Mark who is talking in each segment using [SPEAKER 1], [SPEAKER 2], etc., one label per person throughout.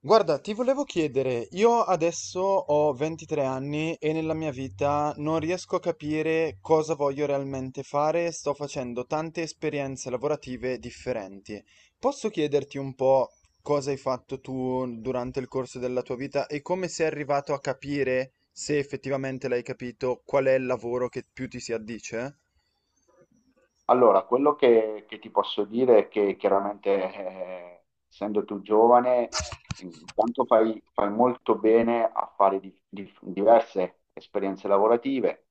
[SPEAKER 1] Guarda, ti volevo chiedere, io adesso ho 23 anni e nella mia vita non riesco a capire cosa voglio realmente fare, sto facendo tante esperienze lavorative differenti. Posso chiederti un po' cosa hai fatto tu durante il corso della tua vita e come sei arrivato a capire, se effettivamente l'hai capito, qual è il lavoro che più ti si addice?
[SPEAKER 2] Allora, quello che ti posso dire è che chiaramente, essendo tu giovane, intanto fai, fai molto bene a fare diverse esperienze lavorative,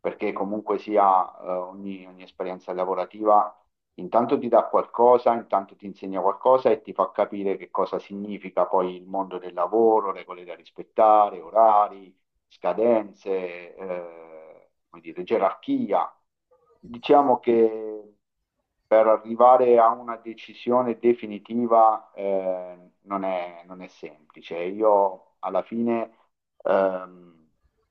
[SPEAKER 2] perché comunque sia, ogni, ogni esperienza lavorativa intanto ti dà qualcosa, intanto ti insegna qualcosa e ti fa capire che cosa significa poi il mondo del lavoro, regole da rispettare, orari scadenze, come dire, gerarchia. Diciamo che per arrivare a una decisione definitiva non è, non è semplice. Io alla fine ehm,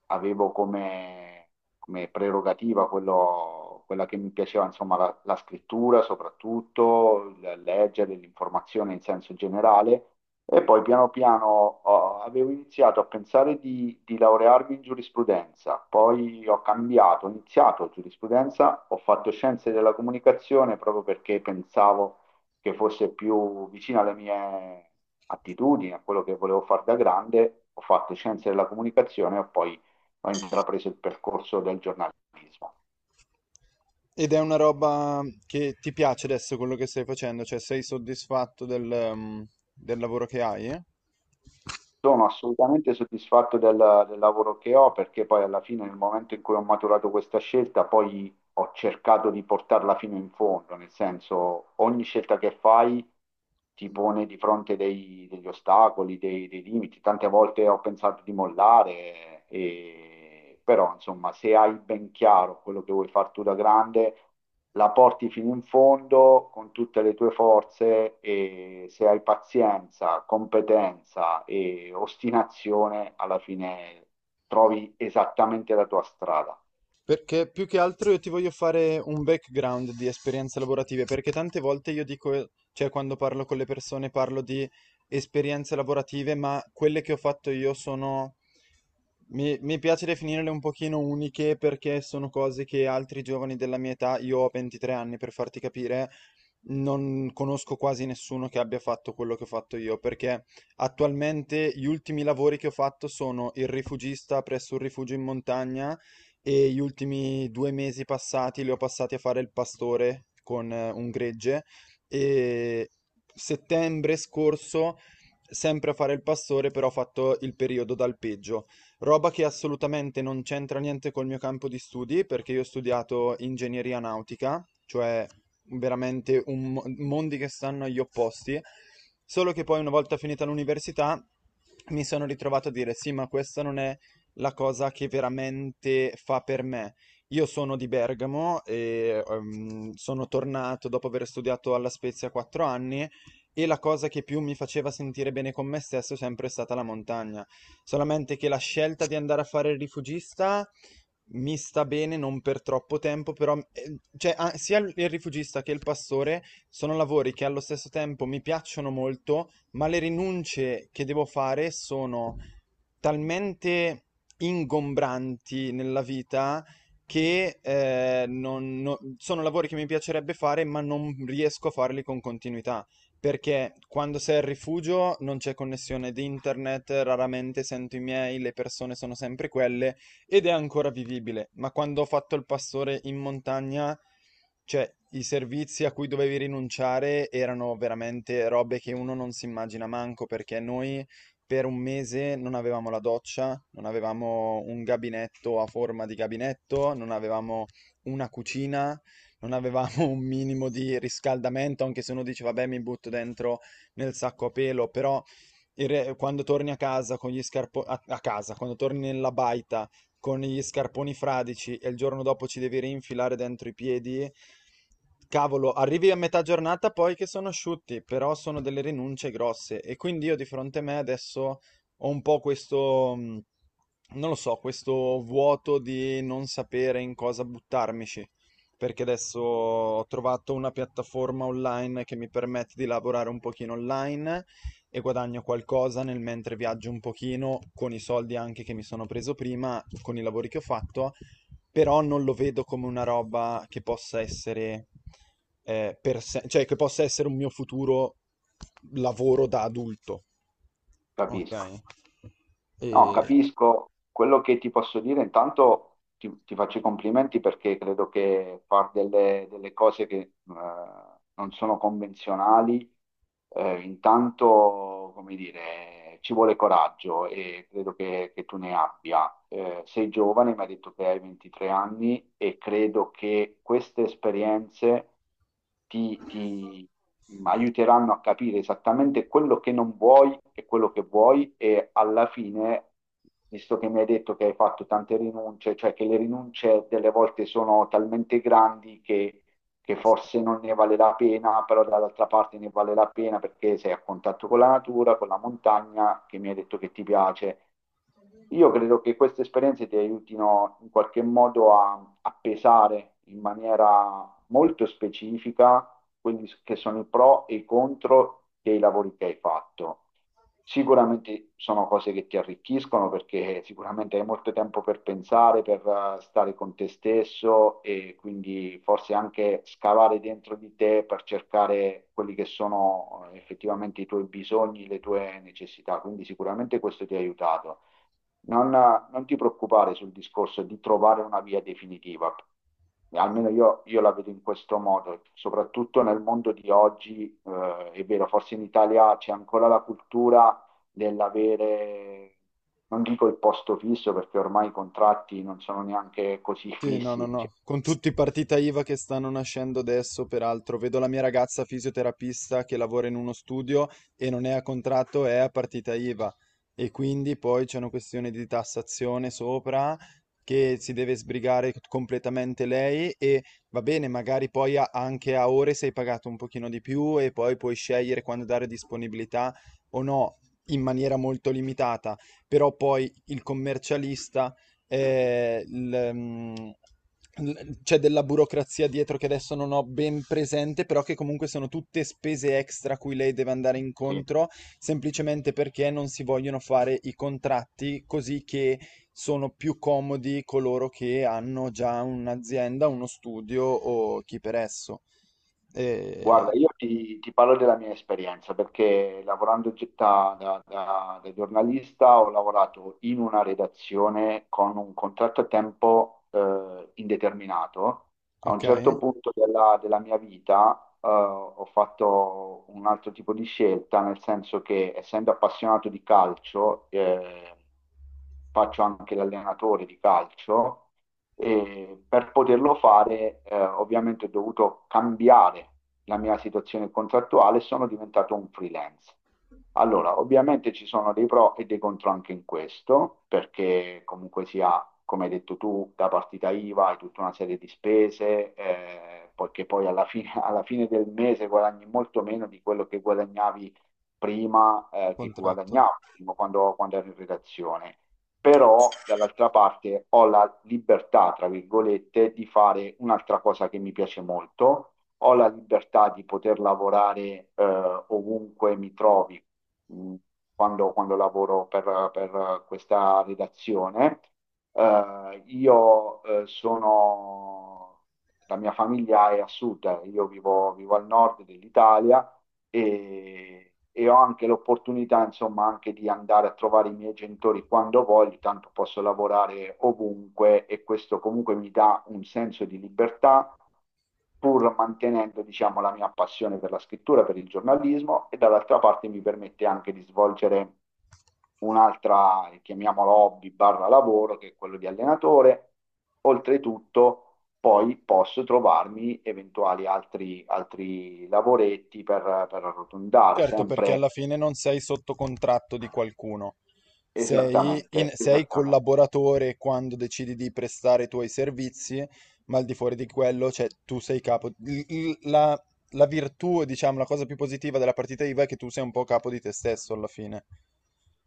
[SPEAKER 2] avevo come, come prerogativa quello, quella che mi piaceva, insomma, la, la scrittura soprattutto, il leggere l'informazione in senso generale e poi piano piano avevo iniziato a pensare di laurearmi in giurisprudenza, poi ho cambiato, ho iniziato giurisprudenza, ho fatto scienze della comunicazione proprio perché pensavo che fosse più vicina alle mie attitudini, a quello che volevo fare da grande. Ho fatto scienze della comunicazione e poi ho intrapreso il percorso del giornalismo.
[SPEAKER 1] Ed è una roba che ti piace adesso quello che stai facendo? Cioè sei soddisfatto del, del lavoro che hai, eh?
[SPEAKER 2] Sono assolutamente soddisfatto del, del lavoro che ho, perché poi alla fine, nel momento in cui ho maturato questa scelta, poi ho cercato di portarla fino in fondo, nel senso ogni scelta che fai ti pone di fronte degli ostacoli, dei, dei limiti. Tante volte ho pensato di mollare, però insomma se hai ben chiaro quello che vuoi fare tu da grande la porti fino in fondo con tutte le tue forze e se hai pazienza, competenza e ostinazione, alla fine trovi esattamente la tua strada.
[SPEAKER 1] Perché più che altro io ti voglio fare un background di esperienze lavorative, perché tante volte io dico, cioè quando parlo con le persone parlo di esperienze lavorative, ma quelle che ho fatto io sono, mi piace definirle un pochino uniche perché sono cose che altri giovani della mia età, io ho 23 anni per farti capire, non conosco quasi nessuno che abbia fatto quello che ho fatto io, perché attualmente gli ultimi lavori che ho fatto sono il rifugista presso un rifugio in montagna e gli ultimi 2 mesi passati li ho passati a fare il pastore con un gregge e settembre scorso sempre a fare il pastore, però ho fatto il periodo d'alpeggio, roba che assolutamente non c'entra niente col mio campo di studi perché io ho studiato ingegneria nautica, cioè veramente un mondi che stanno agli opposti, solo che poi una volta finita l'università mi sono ritrovato a dire sì, ma questa non è la cosa che veramente fa per me. Io sono di Bergamo e sono tornato dopo aver studiato alla Spezia 4 anni e la cosa che più mi faceva sentire bene con me stesso è sempre stata la montagna. Solamente che la scelta di andare a fare il rifugista mi sta bene non per troppo tempo, però cioè, ah, sia il rifugista che il pastore sono lavori che allo stesso tempo mi piacciono molto, ma le rinunce che devo fare sono talmente ingombranti nella vita che sono lavori che mi piacerebbe fare, ma non riesco a farli con continuità. Perché quando sei al rifugio non c'è connessione di internet, raramente sento i miei, le persone sono sempre quelle ed è ancora vivibile. Ma quando ho fatto il pastore in montagna, cioè i servizi a cui dovevi rinunciare erano veramente robe che uno non si immagina manco, perché noi per 1 mese non avevamo la doccia, non avevamo un gabinetto a forma di gabinetto, non avevamo una cucina, non avevamo un minimo di riscaldamento, anche se uno dice vabbè mi butto dentro nel sacco a pelo, però quando torni a casa con gli scarponi a casa, quando torni nella baita con gli scarponi fradici e il giorno dopo ci devi rinfilare dentro i piedi, cavolo, arrivi a metà giornata poi che sono asciutti, però sono delle rinunce grosse e quindi io di fronte a me adesso ho un po' questo, non lo so, questo vuoto di non sapere in cosa buttarmici, perché adesso ho trovato una piattaforma online che mi permette di lavorare un pochino online e guadagno qualcosa nel mentre viaggio un pochino con i soldi anche che mi sono preso prima, con i lavori che ho fatto, però non lo vedo come una roba che possa essere per se- cioè che possa essere un mio futuro lavoro da adulto. Ok.
[SPEAKER 2] Capisco. No,
[SPEAKER 1] E
[SPEAKER 2] capisco. Quello che ti posso dire, intanto ti, ti faccio i complimenti perché credo che far delle, delle cose che non sono convenzionali, intanto, come dire, ci vuole coraggio e credo che tu ne abbia. Sei giovane, mi hai detto che hai 23 anni e credo che queste esperienze ti, ti aiuteranno a capire esattamente quello che non vuoi e quello che vuoi e alla fine, visto che mi hai detto che hai fatto tante rinunce, cioè che le rinunce delle volte sono talmente grandi che forse non ne vale la pena, però dall'altra parte ne vale la pena perché sei a contatto con la natura, con la montagna che mi hai detto che ti piace. Io credo che queste esperienze ti aiutino in qualche modo a, a pesare in maniera molto specifica quelli che sono i pro e i contro dei lavori che hai fatto. Sicuramente sono cose che ti arricchiscono perché sicuramente hai molto tempo per pensare, per stare con te stesso e quindi forse anche scavare dentro di te per cercare quelli che sono effettivamente i tuoi bisogni, le tue necessità. Quindi sicuramente questo ti ha aiutato. Non, non ti preoccupare sul discorso di trovare una via definitiva, almeno io la vedo in questo modo, soprattutto nel mondo di oggi, è vero, forse in Italia c'è ancora la cultura dell'avere, non dico il posto fisso perché ormai i contratti non sono neanche così
[SPEAKER 1] sì, no, no,
[SPEAKER 2] fissi,
[SPEAKER 1] no.
[SPEAKER 2] diciamo.
[SPEAKER 1] Con tutti i partita IVA che stanno nascendo adesso, peraltro, vedo la mia ragazza fisioterapista che lavora in uno studio e non è a contratto, è a partita IVA. E quindi poi c'è una questione di tassazione sopra che si deve sbrigare completamente lei e va bene, magari poi anche a ore sei pagato un pochino di più e poi puoi scegliere quando dare disponibilità o no, in maniera molto limitata. Però poi il commercialista eh, il, mm, c'è della burocrazia dietro che adesso non ho ben presente, però che comunque sono tutte spese extra a cui lei deve andare incontro, semplicemente perché non si vogliono fare i contratti così che sono più comodi coloro che hanno già un'azienda, uno studio o chi per esso. Eh,
[SPEAKER 2] Guarda, io ti, ti parlo della mia esperienza perché lavorando da giornalista ho lavorato in una redazione con un contratto a tempo indeterminato. A un
[SPEAKER 1] ok,
[SPEAKER 2] certo punto della, della mia vita ho fatto un altro tipo di scelta, nel senso che essendo appassionato di calcio, faccio anche l'allenatore di calcio e per poterlo fare, ovviamente ho dovuto cambiare la mia situazione contrattuale e sono diventato un freelance. Allora, ovviamente ci sono dei pro e dei contro anche in questo, perché comunque sia, come hai detto tu, da partita IVA hai tutta una serie di spese, poiché poi alla fine, alla fine del mese guadagni molto meno di quello che guadagnavi prima, che
[SPEAKER 1] contratto.
[SPEAKER 2] guadagnavo prima quando, quando ero in redazione, però dall'altra parte ho la libertà, tra virgolette, di fare un'altra cosa che mi piace molto, ho la libertà di poter lavorare ovunque mi trovi mh, quando, quando lavoro per questa redazione. Io sono, la mia famiglia è a sud, io vivo al nord dell'Italia e ho anche l'opportunità, insomma, anche di andare a trovare i miei genitori quando voglio, tanto posso lavorare ovunque e questo comunque mi dà un senso di libertà, pur mantenendo, diciamo, la mia passione per la scrittura, per il giornalismo e dall'altra parte mi permette anche di svolgere un'altra, chiamiamola hobby barra lavoro, che è quello di allenatore. Oltretutto, poi posso trovarmi eventuali altri, altri lavoretti per arrotondare,
[SPEAKER 1] Certo, perché
[SPEAKER 2] sempre
[SPEAKER 1] alla fine non sei sotto contratto di qualcuno,
[SPEAKER 2] esattamente,
[SPEAKER 1] sei
[SPEAKER 2] esattamente.
[SPEAKER 1] collaboratore quando decidi di prestare i tuoi servizi, ma al di fuori di quello, cioè tu sei capo. La la virtù, diciamo, la cosa più positiva della partita IVA è che tu sei un po' capo di te stesso alla fine.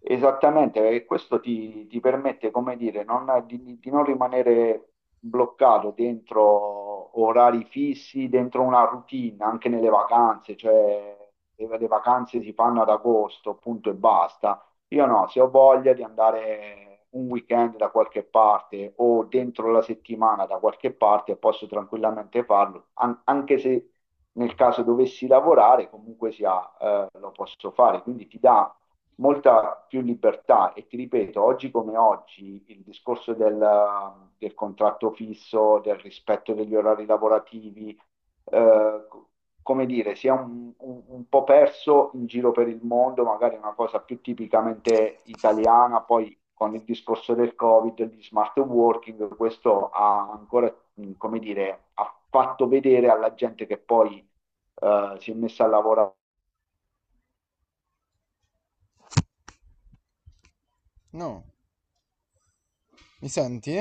[SPEAKER 2] Esattamente, perché questo ti, ti permette, come dire, di non rimanere bloccato dentro orari fissi, dentro una routine, anche nelle vacanze, cioè le vacanze si fanno ad agosto, punto e basta. Io no, se ho voglia di andare un weekend da qualche parte o dentro la settimana da qualche parte, posso tranquillamente farlo, anche se nel caso dovessi lavorare, comunque sia, lo posso fare. Quindi ti dà molta più libertà e ti ripeto, oggi come oggi il discorso del, del contratto fisso, del rispetto degli orari lavorativi, eh, co- come dire, si è un po' perso in giro per il mondo, magari è una cosa più tipicamente italiana, poi con il discorso del Covid, e di smart working, questo ha ancora, come dire, ha fatto vedere alla gente che poi si è messa a lavorare.
[SPEAKER 1] No, mi senti?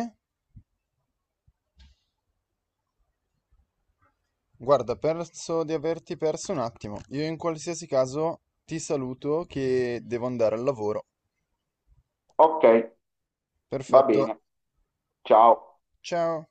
[SPEAKER 1] Guarda, penso di averti perso un attimo. Io in qualsiasi caso ti saluto che devo andare al lavoro.
[SPEAKER 2] Ok, va
[SPEAKER 1] Perfetto,
[SPEAKER 2] bene, ciao.
[SPEAKER 1] ciao.